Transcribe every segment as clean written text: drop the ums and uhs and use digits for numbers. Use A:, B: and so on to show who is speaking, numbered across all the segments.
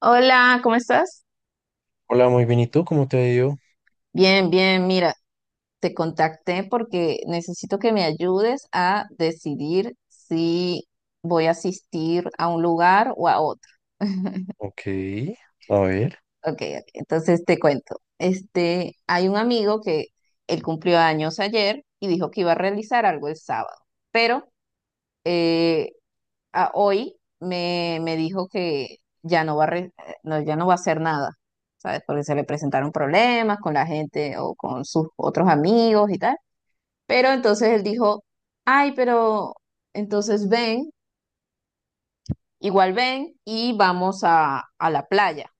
A: Hola, ¿cómo estás?
B: Hola, muy bien. ¿Y tú? ¿Cómo te ha ido?
A: Bien, bien, mira, te contacté porque necesito que me ayudes a decidir si voy a asistir a un lugar o a otro.
B: Ok. A ver.
A: Ok, ok, entonces te cuento. Este, hay un amigo que él cumplió años ayer y dijo que iba a realizar algo el sábado, pero eh, hoy me dijo que ya no va a re- no, ya no va a hacer nada, ¿sabes? Porque se le presentaron problemas con la gente o con sus otros amigos y tal. Pero entonces él dijo, ay, pero entonces ven, igual ven y vamos a la playa.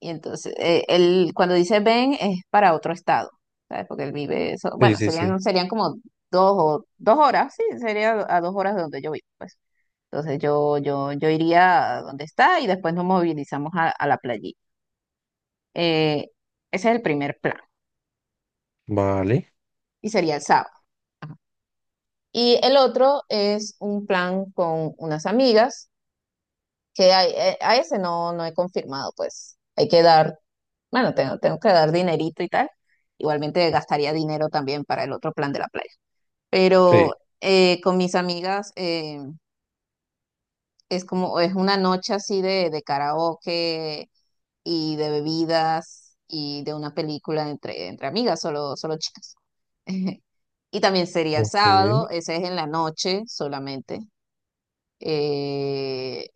A: Y entonces él cuando dice ven es para otro estado, ¿sabes? Porque él vive eso,
B: Sí,
A: bueno,
B: sí, sí.
A: serían como 2 o 2 horas, sí, sería a 2 horas de donde yo vivo, pues. Entonces yo iría a donde está y después nos movilizamos a la playita. Eh, ese es el primer plan
B: Vale.
A: y sería el sábado. Y el otro es un plan con unas amigas que ese no, no he confirmado, pues hay que dar, bueno, tengo que dar dinerito y tal. Igualmente gastaría dinero también para el otro plan de la playa.
B: Sí.
A: Pero con mis amigas es como, es una noche así de karaoke y de bebidas y de una película entre amigas, solo, solo chicas. Y también sería el
B: Ok.
A: sábado, ese es en la noche solamente. Eh,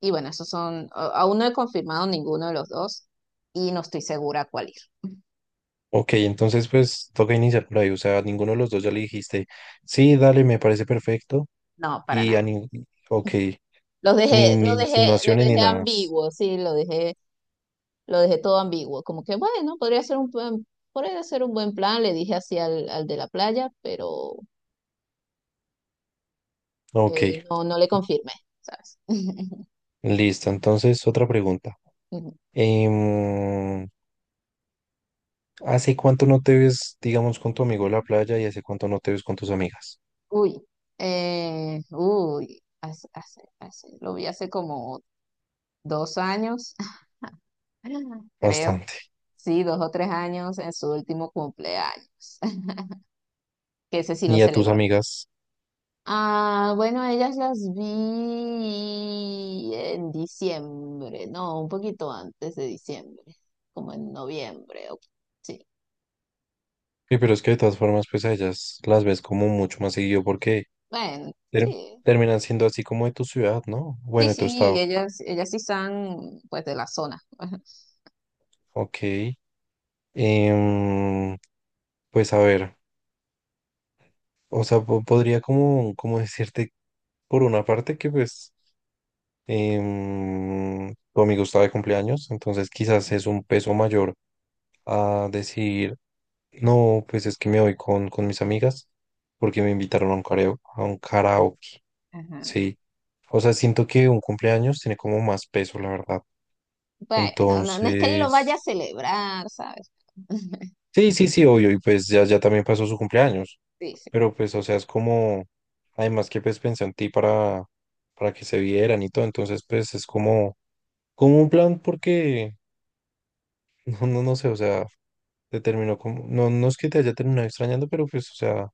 A: y bueno, esos son, aún no he confirmado ninguno de los dos y no estoy segura a cuál ir.
B: Ok, entonces pues toca iniciar por ahí. O sea, a ninguno de los dos ya le dijiste, sí, dale, me parece perfecto.
A: No, para
B: Y a
A: nada.
B: ni... Ok. Ni, ni
A: Los
B: insinuaciones ni
A: dejé
B: nada.
A: ambiguos, sí, lo dejé todo ambiguo. Como que bueno, podría ser un buen plan, le dije así al de la playa, pero
B: Ok.
A: no, no le confirmé, ¿sabes?
B: Listo. Entonces, otra pregunta.
A: Mm,
B: Em, ¿Hace cuánto no te ves, digamos, con tu amigo en la playa y hace cuánto no te ves con tus amigas?
A: Uy, uy, lo vi hace como 2 años, creo,
B: Bastante.
A: sí, 2 o 3 años en su último cumpleaños, que ese sí lo
B: ¿Y a tus
A: celebró.
B: amigas?
A: Ah, bueno, ellas las vi en diciembre, no, un poquito antes de diciembre, como en noviembre, sí,
B: Sí, pero es que de todas formas, pues a ellas las ves como mucho más seguido porque
A: bueno,
B: ter-
A: sí,
B: terminan siendo así como de tu ciudad, ¿no?
A: sí,
B: Bueno, de tu
A: sí,
B: estado.
A: ellas sí están pues de la zona.
B: Ok. Em, pues a ver, o sea, podría como, como decirte por una parte que pues tu amigo está de cumpleaños, entonces quizás es un peso mayor a decir, no, pues es que me voy con mis amigas porque me invitaron a un karaoke, a un karaoke.
A: Ajá.
B: Sí, o sea, siento que un cumpleaños tiene como más peso, la verdad.
A: Bueno, no, no es que lo vaya a
B: Entonces,
A: celebrar, ¿sabes?
B: sí, sí, sí, obvio, y pues ya, ya también pasó su cumpleaños,
A: Sí, sí.
B: pero pues, o sea, es como, además que pues pensé en ti para que se vieran y todo, entonces pues es como, como un plan porque, no, no, no sé, o sea, te terminó como, no, no es que te haya terminado extrañando, pero pues, o sea,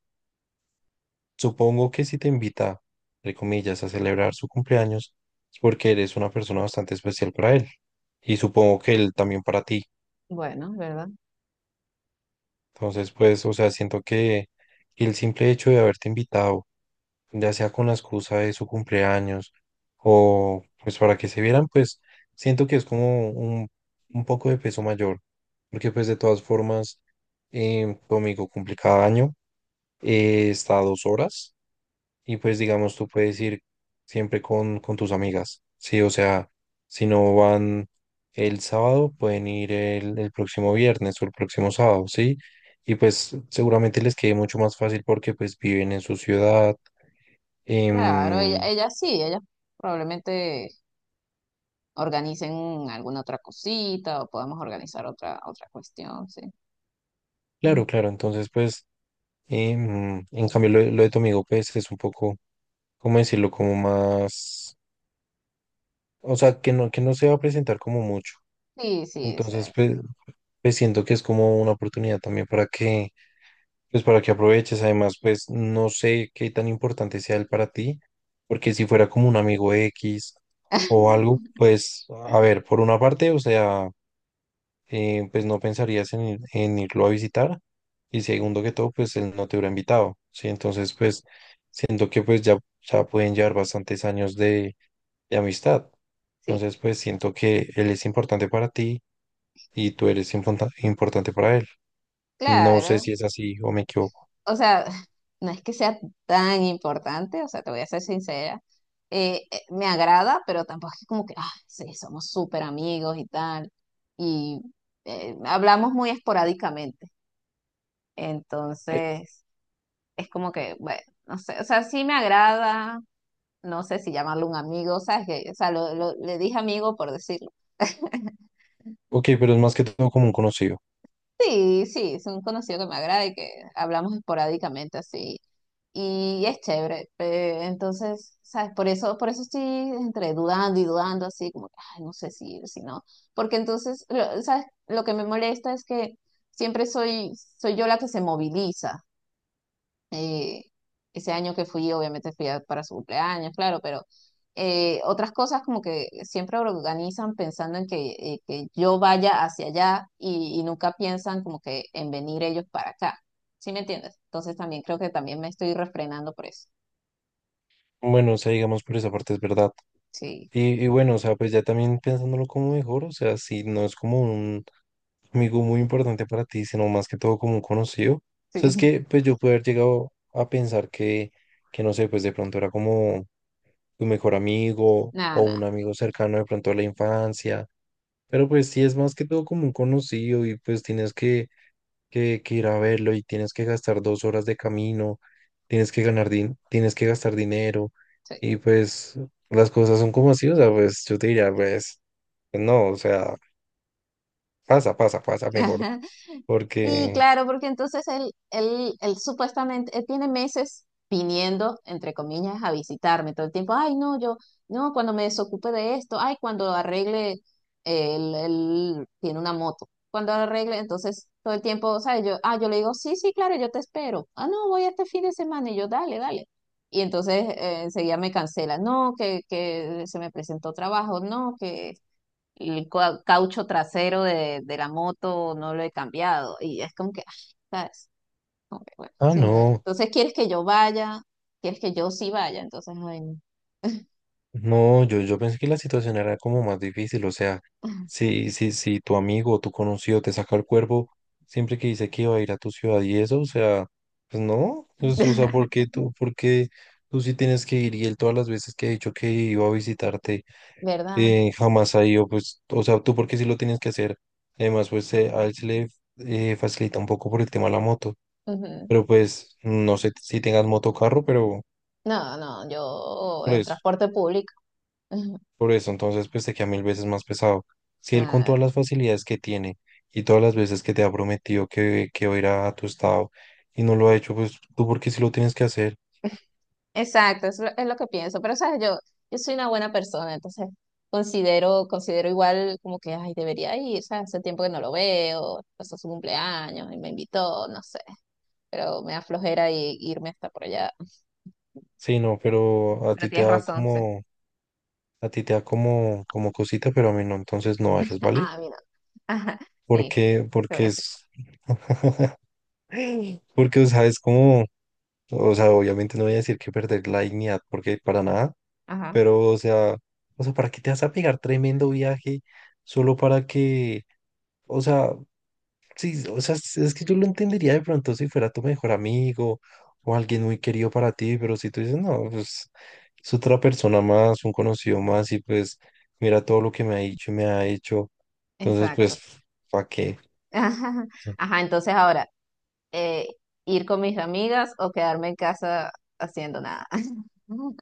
B: supongo que si te invita, entre comillas, a celebrar su cumpleaños, es porque eres una persona bastante especial para él. Y supongo que él también para ti.
A: Bueno, ¿verdad?
B: Entonces, pues, o sea, siento que el simple hecho de haberte invitado, ya sea con la excusa de su cumpleaños o pues para que se vieran, pues siento que es como un poco de peso mayor. Porque pues de todas formas, tu amigo cumple cada año, está a 2 horas. Y pues digamos, tú puedes ir siempre con tus amigas, ¿sí? O sea, si no van el sábado, pueden ir el próximo viernes o el próximo sábado, ¿sí? Y pues seguramente les quede mucho más fácil porque pues viven en su ciudad.
A: Claro,
B: em,
A: ella sí, ella probablemente organicen alguna otra cosita o podemos organizar otra cuestión, sí. Mm,
B: claro, claro, entonces pues, en cambio lo de tu amigo pues es un poco, ¿cómo decirlo? Como más, o sea, que no se va a presentar como mucho.
A: Sí, sí, eso
B: Entonces
A: es.
B: pues, pues siento que es como una oportunidad también para que pues para que aproveches, además, pues no sé qué tan importante sea él para ti, porque si fuera como un amigo X o algo, pues a ver, por una parte, o sea, pues no pensarías en, en irlo a visitar y segundo que todo, pues él no te hubiera invitado, ¿sí? Entonces, pues siento que pues ya, ya pueden llevar bastantes años de amistad.
A: Sí.
B: Entonces, pues siento que él es importante para ti y tú eres importante para él. No sé
A: Claro,
B: si es así o me equivoco.
A: o sea, no es que sea tan importante, o sea, te voy a ser sincera. Me agrada, pero tampoco es que como que, ah, sí, somos súper amigos y tal. Y hablamos muy esporádicamente. Entonces, es como que, bueno, no sé, o sea, sí me agrada, no sé si llamarlo un amigo, o sea, es que, o sea, le dije amigo por decirlo.
B: Ok, pero es más que todo como un conocido.
A: Sí, sí, es un conocido que me agrada y que hablamos esporádicamente así. Y es chévere, entonces, ¿sabes? Por eso estoy entre dudando y dudando así, como que, ay, no sé si ir, si no. Porque entonces, ¿sabes? Lo que me molesta es que siempre soy yo la que se moviliza. eh, Ese año que fui, obviamente para su cumpleaños, claro, pero otras cosas como que siempre organizan pensando en que yo vaya hacia allá y nunca piensan como que en venir ellos para acá. ¿Sí me entiendes? Entonces también creo que también me estoy refrenando por eso.
B: Bueno, o sea, digamos por esa parte es verdad.
A: Sí,
B: Y bueno, o sea, pues ya también pensándolo como mejor, o sea, si no es como un amigo muy importante para ti, sino más que todo como un conocido. O sea, es
A: sí,
B: que pues yo pude haber llegado a pensar que no sé, pues de pronto era como tu mejor amigo
A: nada,
B: o un
A: nada,
B: amigo cercano de pronto a la infancia. Pero pues sí es más que todo como un conocido y pues tienes que ir a verlo y tienes que gastar 2 horas de camino, tienes que tienes que gastar dinero
A: sí.
B: y pues las cosas son como así, o sea, pues yo te diría, pues no, o sea, pasa, pasa, pasa mejor,
A: Sí,
B: porque,
A: claro, porque entonces él supuestamente, él tiene meses viniendo, entre comillas, a visitarme todo el tiempo. Ay, no, yo, no, cuando me desocupe de esto, ay, cuando arregle, él tiene una moto. Cuando arregle, entonces todo el tiempo, ¿sabes? Yo, ah, yo le digo, sí, sí, claro, yo te espero. Ah, no, voy este fin de semana y yo, dale, dale. Y entonces enseguida me cancela, no, que se me presentó trabajo, no, que caucho trasero de la moto no lo he cambiado. Y es como que, ah, ¿sabes? Como que, bueno,
B: ah,
A: sí,
B: no.
A: entonces, ¿quieres que yo vaya? ¿Quieres que yo sí vaya? Entonces, ay, no.
B: No, yo pensé que la situación era como más difícil, o sea, si, si, si tu amigo o tu conocido te saca el cuerpo siempre que dice que iba a ir a tu ciudad y eso, o sea, pues no, pues, o sea, por qué tú sí tienes que ir y él todas las veces que ha dicho que iba a visitarte
A: ¿Verdad?
B: jamás ha ido, pues, o sea, tú por qué sí lo tienes que hacer, además, pues a él se le facilita un poco por el tema de la moto,
A: Ujú.
B: pero pues no sé si tengas moto o carro, pero
A: No, no, yo
B: por
A: en
B: eso.
A: transporte público. Ujú.
B: Por eso, entonces, pues te queda mil veces más pesado. Si él con
A: Claro.
B: todas las facilidades que tiene y todas las veces que te ha prometido que va a ir a tu estado y no lo ha hecho, pues tú porque sí lo tienes que hacer.
A: Exacto, es lo que pienso. Pero, ¿sabes? Yo soy una buena persona, entonces considero igual como que, ay, debería ir, ¿sabes? Hace tiempo que no lo veo, pasó su cumpleaños y me invitó, no sé. Pero me da flojera y, irme hasta por allá.
B: Sí, no, pero a ti
A: Pero
B: te
A: tienes
B: da
A: razón, sí.
B: como, a ti te da como, como cosita, pero a mí no, entonces no vayas, ¿vale?
A: Ah, mira. Ajá, sí,
B: Porque,
A: te voy
B: porque
A: a hacer.
B: es, porque, o sea, es como, o sea, obviamente no voy a decir que perder la dignidad, porque para nada,
A: Ajá,
B: pero, o sea, ¿para qué te vas a pegar tremendo viaje solo para que o sea, sí, o sea, es que yo lo entendería de pronto si fuera tu mejor amigo o alguien muy querido para ti, pero si tú dices, no, pues es otra persona más, un conocido más y pues mira todo lo que me ha dicho y me ha hecho, entonces pues,
A: exacto.
B: ¿para qué?
A: Ajá, ajá, entonces ahora, eh, ir con mis amigas o quedarme en casa haciendo nada.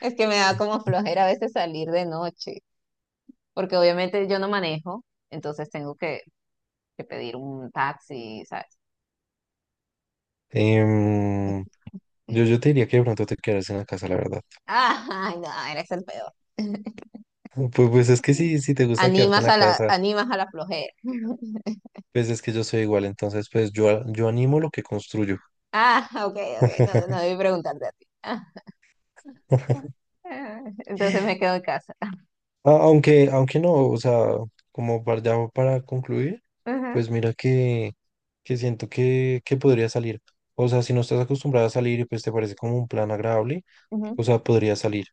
A: Es que me da como flojera a veces salir de noche, porque obviamente yo no manejo, entonces tengo que, pedir un taxi, ¿sabes?
B: Em, yo, yo te diría que de pronto te quedas en la casa, la verdad.
A: Ay, no, eres el peor.
B: Pues, pues es que sí, si te gusta quedarte en la casa,
A: Animas a la flojera.
B: pues es que yo soy igual, entonces pues yo animo lo que construyo.
A: Ah, ok, ok, no, no debí preguntarte a ti. Ah, ah, entonces me quedo en casa.
B: Aunque, aunque no, o sea, como ya para concluir,
A: Ajá,
B: pues mira que siento que podría salir. O sea, si no estás acostumbrada a salir y pues te parece como un plan agradable,
A: ujú.
B: o sea, podría salir.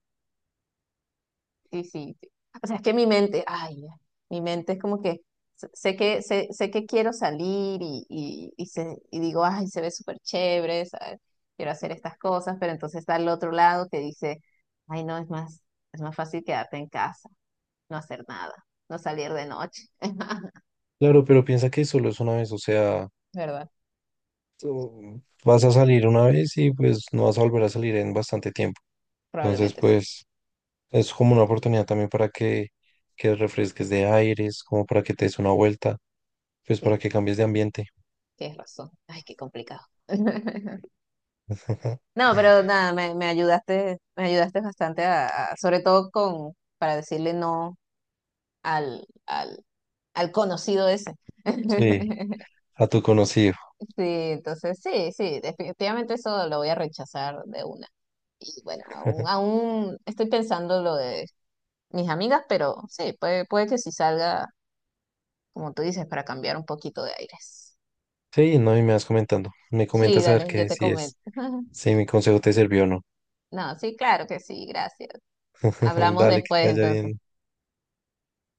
A: Sí, sí, sí. O sea, es que mi mente, ay, mi mente es como que sé que quiero salir y digo, ay, se ve súper chévere, ¿sabes? Quiero hacer estas cosas, pero entonces está al otro lado que dice, ay, no, es más fácil quedarte en casa, no hacer nada, no salir de noche.
B: Claro, pero piensa que solo es una vez, o sea,
A: ¿Verdad?
B: tú vas a salir una vez y pues no vas a volver a salir en bastante tiempo. Entonces,
A: Probablemente sí.
B: pues es como una oportunidad también para que refresques de aires, como para que te des una vuelta, pues
A: Sí,
B: para que cambies de ambiente.
A: tienes razón. Ay, qué complicado. No, pero nada, me ayudaste bastante sobre todo con, para decirle no al, al, al conocido ese.
B: Sí, a tu conocido.
A: Sí, entonces sí, sí, definitivamente eso lo voy a rechazar de una. Y bueno, aún estoy pensando lo de mis amigas, pero sí, puede que sí salga, como tú dices, para cambiar un poquito de aires.
B: Sí, no, y me vas comentando. Me
A: Sí,
B: comentas a ver
A: dale, yo
B: qué
A: te
B: si
A: comento.
B: es, si mi consejo te sirvió o no.
A: No, sí, claro que sí, gracias. Hablamos
B: Dale, que
A: después
B: te vaya
A: entonces.
B: bien.